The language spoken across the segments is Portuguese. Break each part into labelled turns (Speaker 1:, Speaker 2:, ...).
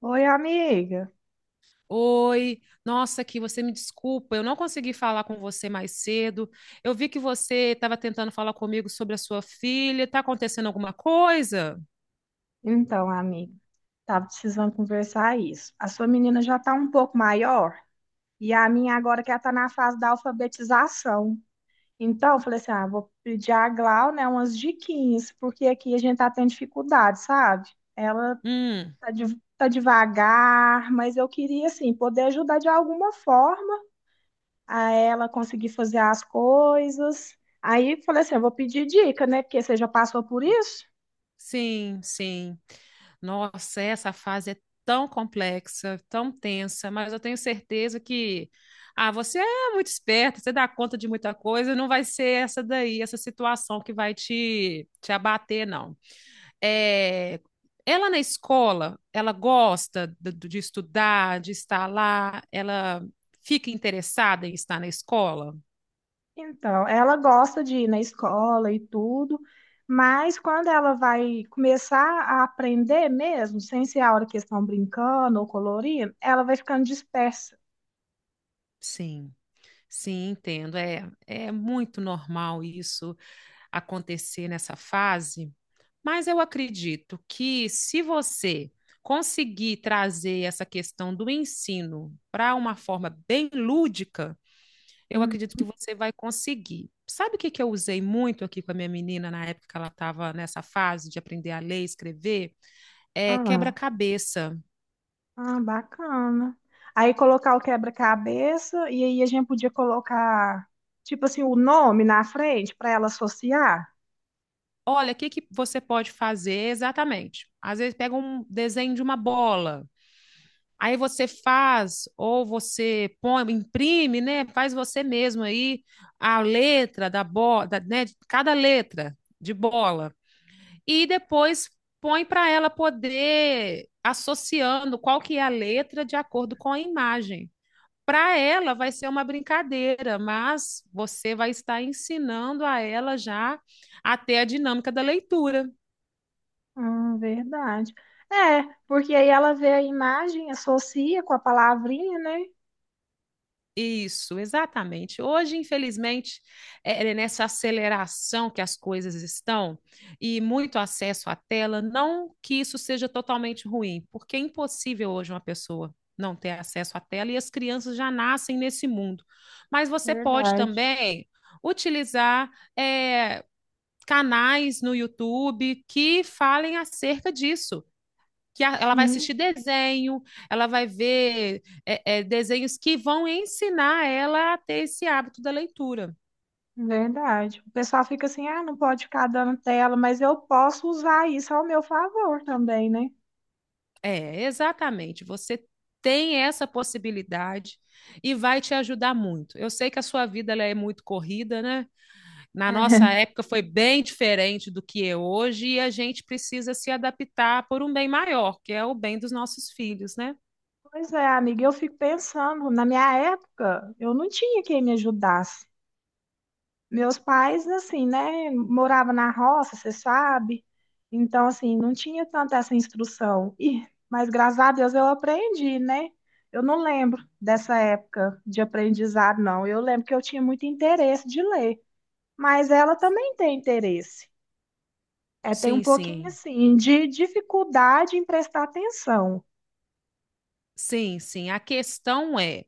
Speaker 1: Oi, amiga.
Speaker 2: Oi, nossa, aqui você me desculpa, eu não consegui falar com você mais cedo. Eu vi que você estava tentando falar comigo sobre a sua filha. Tá acontecendo alguma coisa?
Speaker 1: Então, amiga, tava precisando conversar isso. A sua menina já tá um pouco maior e a minha agora que ela tá na fase da alfabetização. Então, eu falei assim, ah, vou pedir a Glau, né, umas diquinhas, porque aqui a gente tá tendo dificuldade, sabe? Ela
Speaker 2: Hum,
Speaker 1: tá, tá devagar, mas eu queria, assim, poder ajudar de alguma forma a ela conseguir fazer as coisas. Aí, falei assim, eu vou pedir dica, né, porque você já passou por isso?
Speaker 2: sim, sim. Nossa, essa fase é tão complexa, tão tensa, mas eu tenho certeza que você é muito esperta, você dá conta de muita coisa, não vai ser essa daí, essa situação que vai te abater, não. é, Ela na escola, ela gosta de estudar, de estar lá, ela fica interessada em estar na escola?
Speaker 1: Então, ela gosta de ir na escola e tudo, mas quando ela vai começar a aprender mesmo, sem ser a hora que eles estão brincando ou colorindo, ela vai ficando dispersa.
Speaker 2: Sim. Sim, entendo. É, é muito normal isso acontecer nessa fase, mas eu acredito que se você conseguir trazer essa questão do ensino para uma forma bem lúdica, eu
Speaker 1: Uhum.
Speaker 2: acredito que você vai conseguir. Sabe o que que eu usei muito aqui com a minha menina na época que ela estava nessa fase de aprender a ler e escrever? É
Speaker 1: Ah,
Speaker 2: quebra-cabeça.
Speaker 1: ah, bacana. Aí colocar o quebra-cabeça e aí a gente podia colocar, tipo assim, o nome na frente para ela associar.
Speaker 2: Olha, o que que você pode fazer exatamente? Às vezes pega um desenho de uma bola, aí você faz, ou você põe, imprime, né? Faz você mesmo aí a letra da bola, né? Cada letra de bola. E depois põe para ela poder associando qual que é a letra de acordo com a imagem. Para ela vai ser uma brincadeira, mas você vai estar ensinando a ela já até a dinâmica da leitura.
Speaker 1: Verdade. É, porque aí ela vê a imagem, associa com a palavrinha, né?
Speaker 2: Isso, exatamente. Hoje, infelizmente, é nessa aceleração que as coisas estão e muito acesso à tela, não que isso seja totalmente ruim, porque é impossível hoje uma pessoa não ter acesso à tela e as crianças já nascem nesse mundo. Mas você pode
Speaker 1: Verdade.
Speaker 2: também utilizar é, canais no YouTube que falem acerca disso que ela vai assistir
Speaker 1: Sim,
Speaker 2: desenho, ela vai ver desenhos que vão ensinar ela a ter esse hábito da leitura.
Speaker 1: verdade. O pessoal fica assim, ah, não pode ficar dando tela, mas eu posso usar isso ao meu favor também, né?
Speaker 2: É, exatamente. Você tem essa possibilidade e vai te ajudar muito. Eu sei que a sua vida ela é muito corrida, né? Na nossa
Speaker 1: É.
Speaker 2: época foi bem diferente do que é hoje e a gente precisa se adaptar por um bem maior, que é o bem dos nossos filhos, né?
Speaker 1: Pois é, amiga, eu fico pensando, na minha época, eu não tinha quem me ajudasse. Meus pais, assim, né, moravam na roça, você sabe? Então, assim, não tinha tanta essa instrução. E, mas graças a Deus eu aprendi, né? Eu não lembro dessa época de aprendizado, não. Eu lembro que eu tinha muito interesse de ler. Mas ela também tem interesse. É, tem um
Speaker 2: Sim,
Speaker 1: pouquinho
Speaker 2: sim.
Speaker 1: assim de dificuldade em prestar atenção.
Speaker 2: Sim, sim. A questão é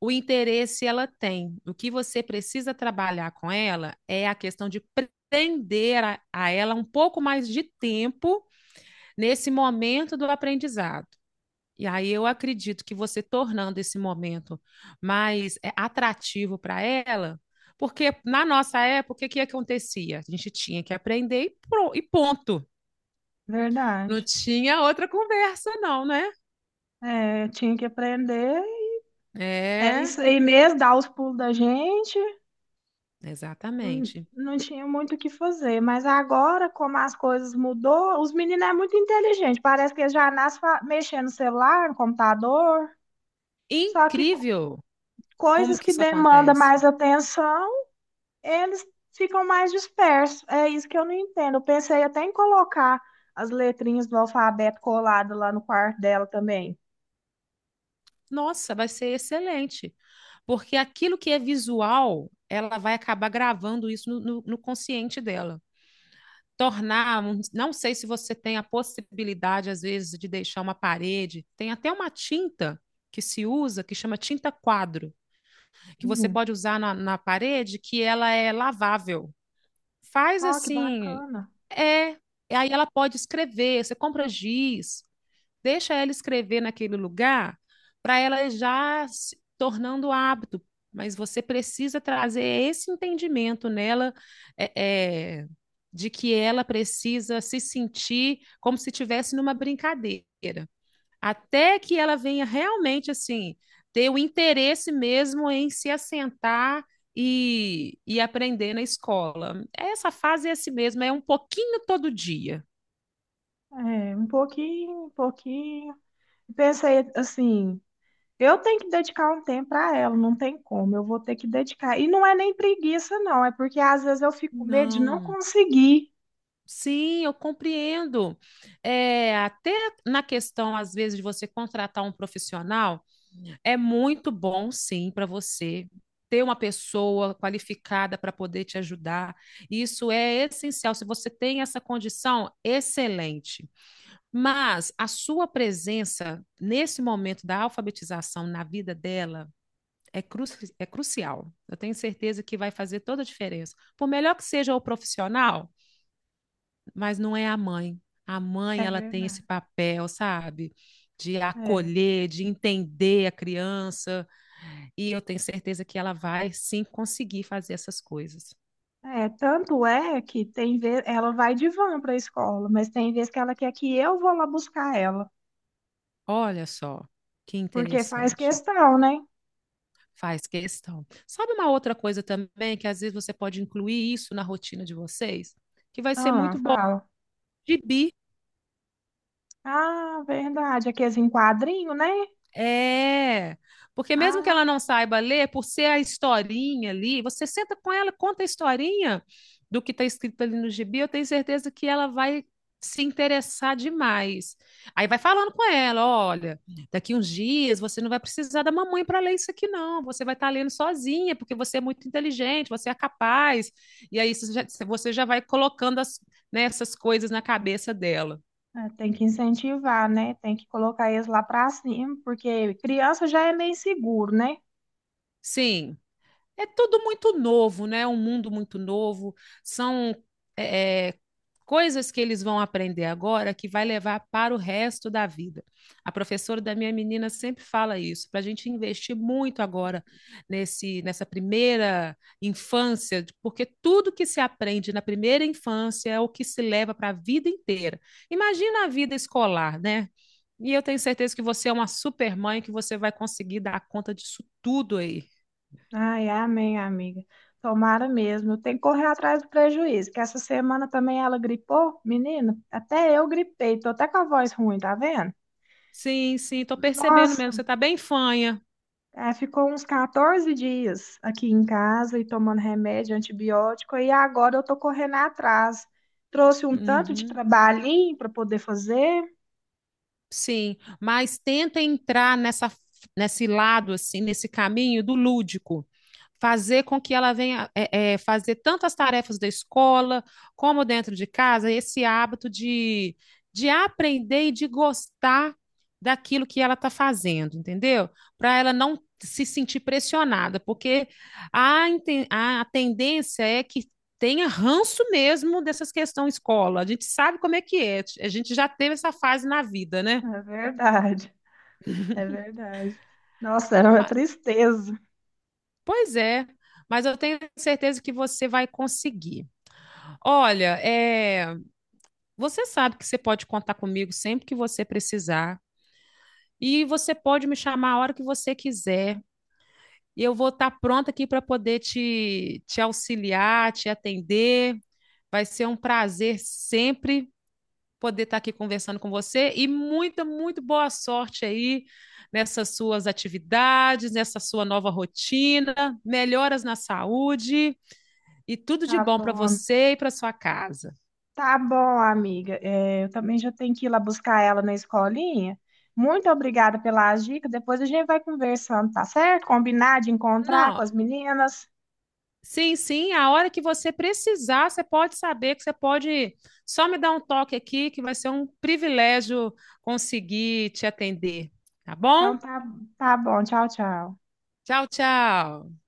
Speaker 2: o interesse ela tem. O que você precisa trabalhar com ela é a questão de prender a ela um pouco mais de tempo nesse momento do aprendizado. E aí eu acredito que você tornando esse momento mais atrativo para ela, porque na nossa época, o que acontecia? A gente tinha que aprender e ponto. Não
Speaker 1: Verdade.
Speaker 2: tinha outra conversa, não, né?
Speaker 1: É, tinha que aprender. Era
Speaker 2: É,
Speaker 1: isso aí mesmo, dar os pulos da gente. Não,
Speaker 2: exatamente.
Speaker 1: não tinha muito o que fazer. Mas agora, como as coisas mudou, os meninos é muito inteligente. Parece que eles já nascem mexendo no celular, no computador. Só que co-
Speaker 2: Incrível como
Speaker 1: coisas
Speaker 2: que
Speaker 1: que
Speaker 2: isso
Speaker 1: demandam
Speaker 2: acontece.
Speaker 1: mais atenção eles ficam mais dispersos. É isso que eu não entendo. Eu pensei até em colocar as letrinhas do alfabeto colado lá no quarto dela também.
Speaker 2: Nossa, vai ser excelente. Porque aquilo que é visual, ela vai acabar gravando isso no consciente dela. Não sei se você tem a possibilidade, às vezes, de deixar uma parede. Tem até uma tinta que se usa, que chama tinta quadro, que você
Speaker 1: Hum.
Speaker 2: pode usar na parede, que ela é lavável. Faz
Speaker 1: Ó, que
Speaker 2: assim,
Speaker 1: bacana.
Speaker 2: é. E aí ela pode escrever, você compra giz, deixa ela escrever naquele lugar para ela já se tornando hábito. Mas você precisa trazer esse entendimento nela, é, é, de que ela precisa se sentir como se estivesse numa brincadeira, até que ela venha realmente assim ter o interesse mesmo em se assentar e aprender na escola. Essa fase é assim mesmo, é um pouquinho todo dia.
Speaker 1: É, um pouquinho, um pouquinho. Pensei assim, eu tenho que dedicar um tempo para ela, não tem como, eu vou ter que dedicar. E não é nem preguiça, não, é porque às vezes eu fico com medo de não
Speaker 2: Não,
Speaker 1: conseguir.
Speaker 2: sim, eu compreendo. É, até na questão, às vezes, de você contratar um profissional, é muito bom, sim, para você ter uma pessoa qualificada para poder te ajudar. Isso é essencial. Se você tem essa condição, excelente. Mas a sua presença nesse momento da alfabetização na vida dela é, cru é crucial. Eu tenho certeza que vai fazer toda a diferença. Por melhor que seja o profissional, mas não é a mãe. A
Speaker 1: É
Speaker 2: mãe, ela tem esse
Speaker 1: verdade.
Speaker 2: papel, sabe? De
Speaker 1: É.
Speaker 2: acolher, de entender a criança. E eu tenho certeza que ela vai sim conseguir fazer essas coisas.
Speaker 1: É, tanto é que tem vez, ela vai de van para a escola, mas tem vez que ela quer que eu vou lá buscar ela,
Speaker 2: Olha só, que
Speaker 1: porque faz
Speaker 2: interessante.
Speaker 1: questão, né?
Speaker 2: Faz questão. Sabe uma outra coisa também que às vezes você pode incluir isso na rotina de vocês, que vai ser
Speaker 1: Ah,
Speaker 2: muito bom?
Speaker 1: fala.
Speaker 2: Gibi.
Speaker 1: Ah, verdade, aqueles em quadrinho, né?
Speaker 2: É, porque mesmo que ela
Speaker 1: Ah,
Speaker 2: não saiba ler, por ser a historinha ali, você senta com ela, conta a historinha do que está escrito ali no gibi, eu tenho certeza que ela vai se interessar demais. Aí vai falando com ela, olha, daqui uns dias você não vai precisar da mamãe para ler isso aqui não, você vai estar lendo sozinha, porque você é muito inteligente, você é capaz. E aí você já vai colocando as, né, essas coisas na cabeça dela.
Speaker 1: é, tem que incentivar, né? Tem que colocar eles lá para cima, porque criança já é meio seguro, né?
Speaker 2: Sim. É tudo muito novo, né? Um mundo muito novo. São é, é, coisas que eles vão aprender agora que vai levar para o resto da vida. A professora da minha menina sempre fala isso, para a gente investir muito agora nessa primeira infância, porque tudo que se aprende na primeira infância é o que se leva para a vida inteira. Imagina a vida escolar, né? E eu tenho certeza que você é uma super mãe, que você vai conseguir dar conta disso tudo aí.
Speaker 1: Ai, amém, amiga. Tomara mesmo. Tem que correr atrás do prejuízo, que essa semana também ela gripou, menina. Até eu gripei, tô até com a voz ruim, tá vendo?
Speaker 2: Sim, sim, tô percebendo
Speaker 1: Nossa,
Speaker 2: mesmo. Você tá bem fanha.
Speaker 1: ah, ficou uns 14 dias aqui em casa e tomando remédio, antibiótico, e agora eu tô correndo atrás. Trouxe um tanto de
Speaker 2: Uhum.
Speaker 1: trabalhinho para poder fazer.
Speaker 2: Sim, mas tenta entrar nesse lado, assim, nesse caminho do lúdico. Fazer com que ela venha fazer tantas tarefas da escola como dentro de casa, esse hábito de aprender e de gostar daquilo que ela está fazendo, entendeu? Para ela não se sentir pressionada, porque a, inten- a tendência é que tenha ranço mesmo dessas questões escola. A gente sabe como é que é, a gente já teve essa fase na vida, né?
Speaker 1: É verdade, é verdade. Nossa, é uma
Speaker 2: Ma-
Speaker 1: tristeza.
Speaker 2: Pois é, mas eu tenho certeza que você vai conseguir. Olha, é, você sabe que você pode contar comigo sempre que você precisar e você pode me chamar a hora que você quiser e eu vou estar pronta aqui para poder te auxiliar, te atender. Vai ser um prazer sempre poder estar aqui conversando com você e muito boa sorte aí nessas suas atividades, nessa sua nova rotina. Melhoras na saúde. E tudo de
Speaker 1: Tá
Speaker 2: bom para
Speaker 1: bom,
Speaker 2: você e para sua casa.
Speaker 1: tá bom, amiga. É, eu também já tenho que ir lá buscar ela na escolinha. Muito obrigada pela dica. Depois a gente vai conversando, tá certo? Combinar de encontrar com
Speaker 2: Não,
Speaker 1: as meninas.
Speaker 2: sim, sim, a hora que você precisar, você pode saber que você pode só me dar um toque aqui, que vai ser um privilégio conseguir te atender. Tá bom?
Speaker 1: Então tá, tá bom. Tchau, tchau.
Speaker 2: Tchau, tchau.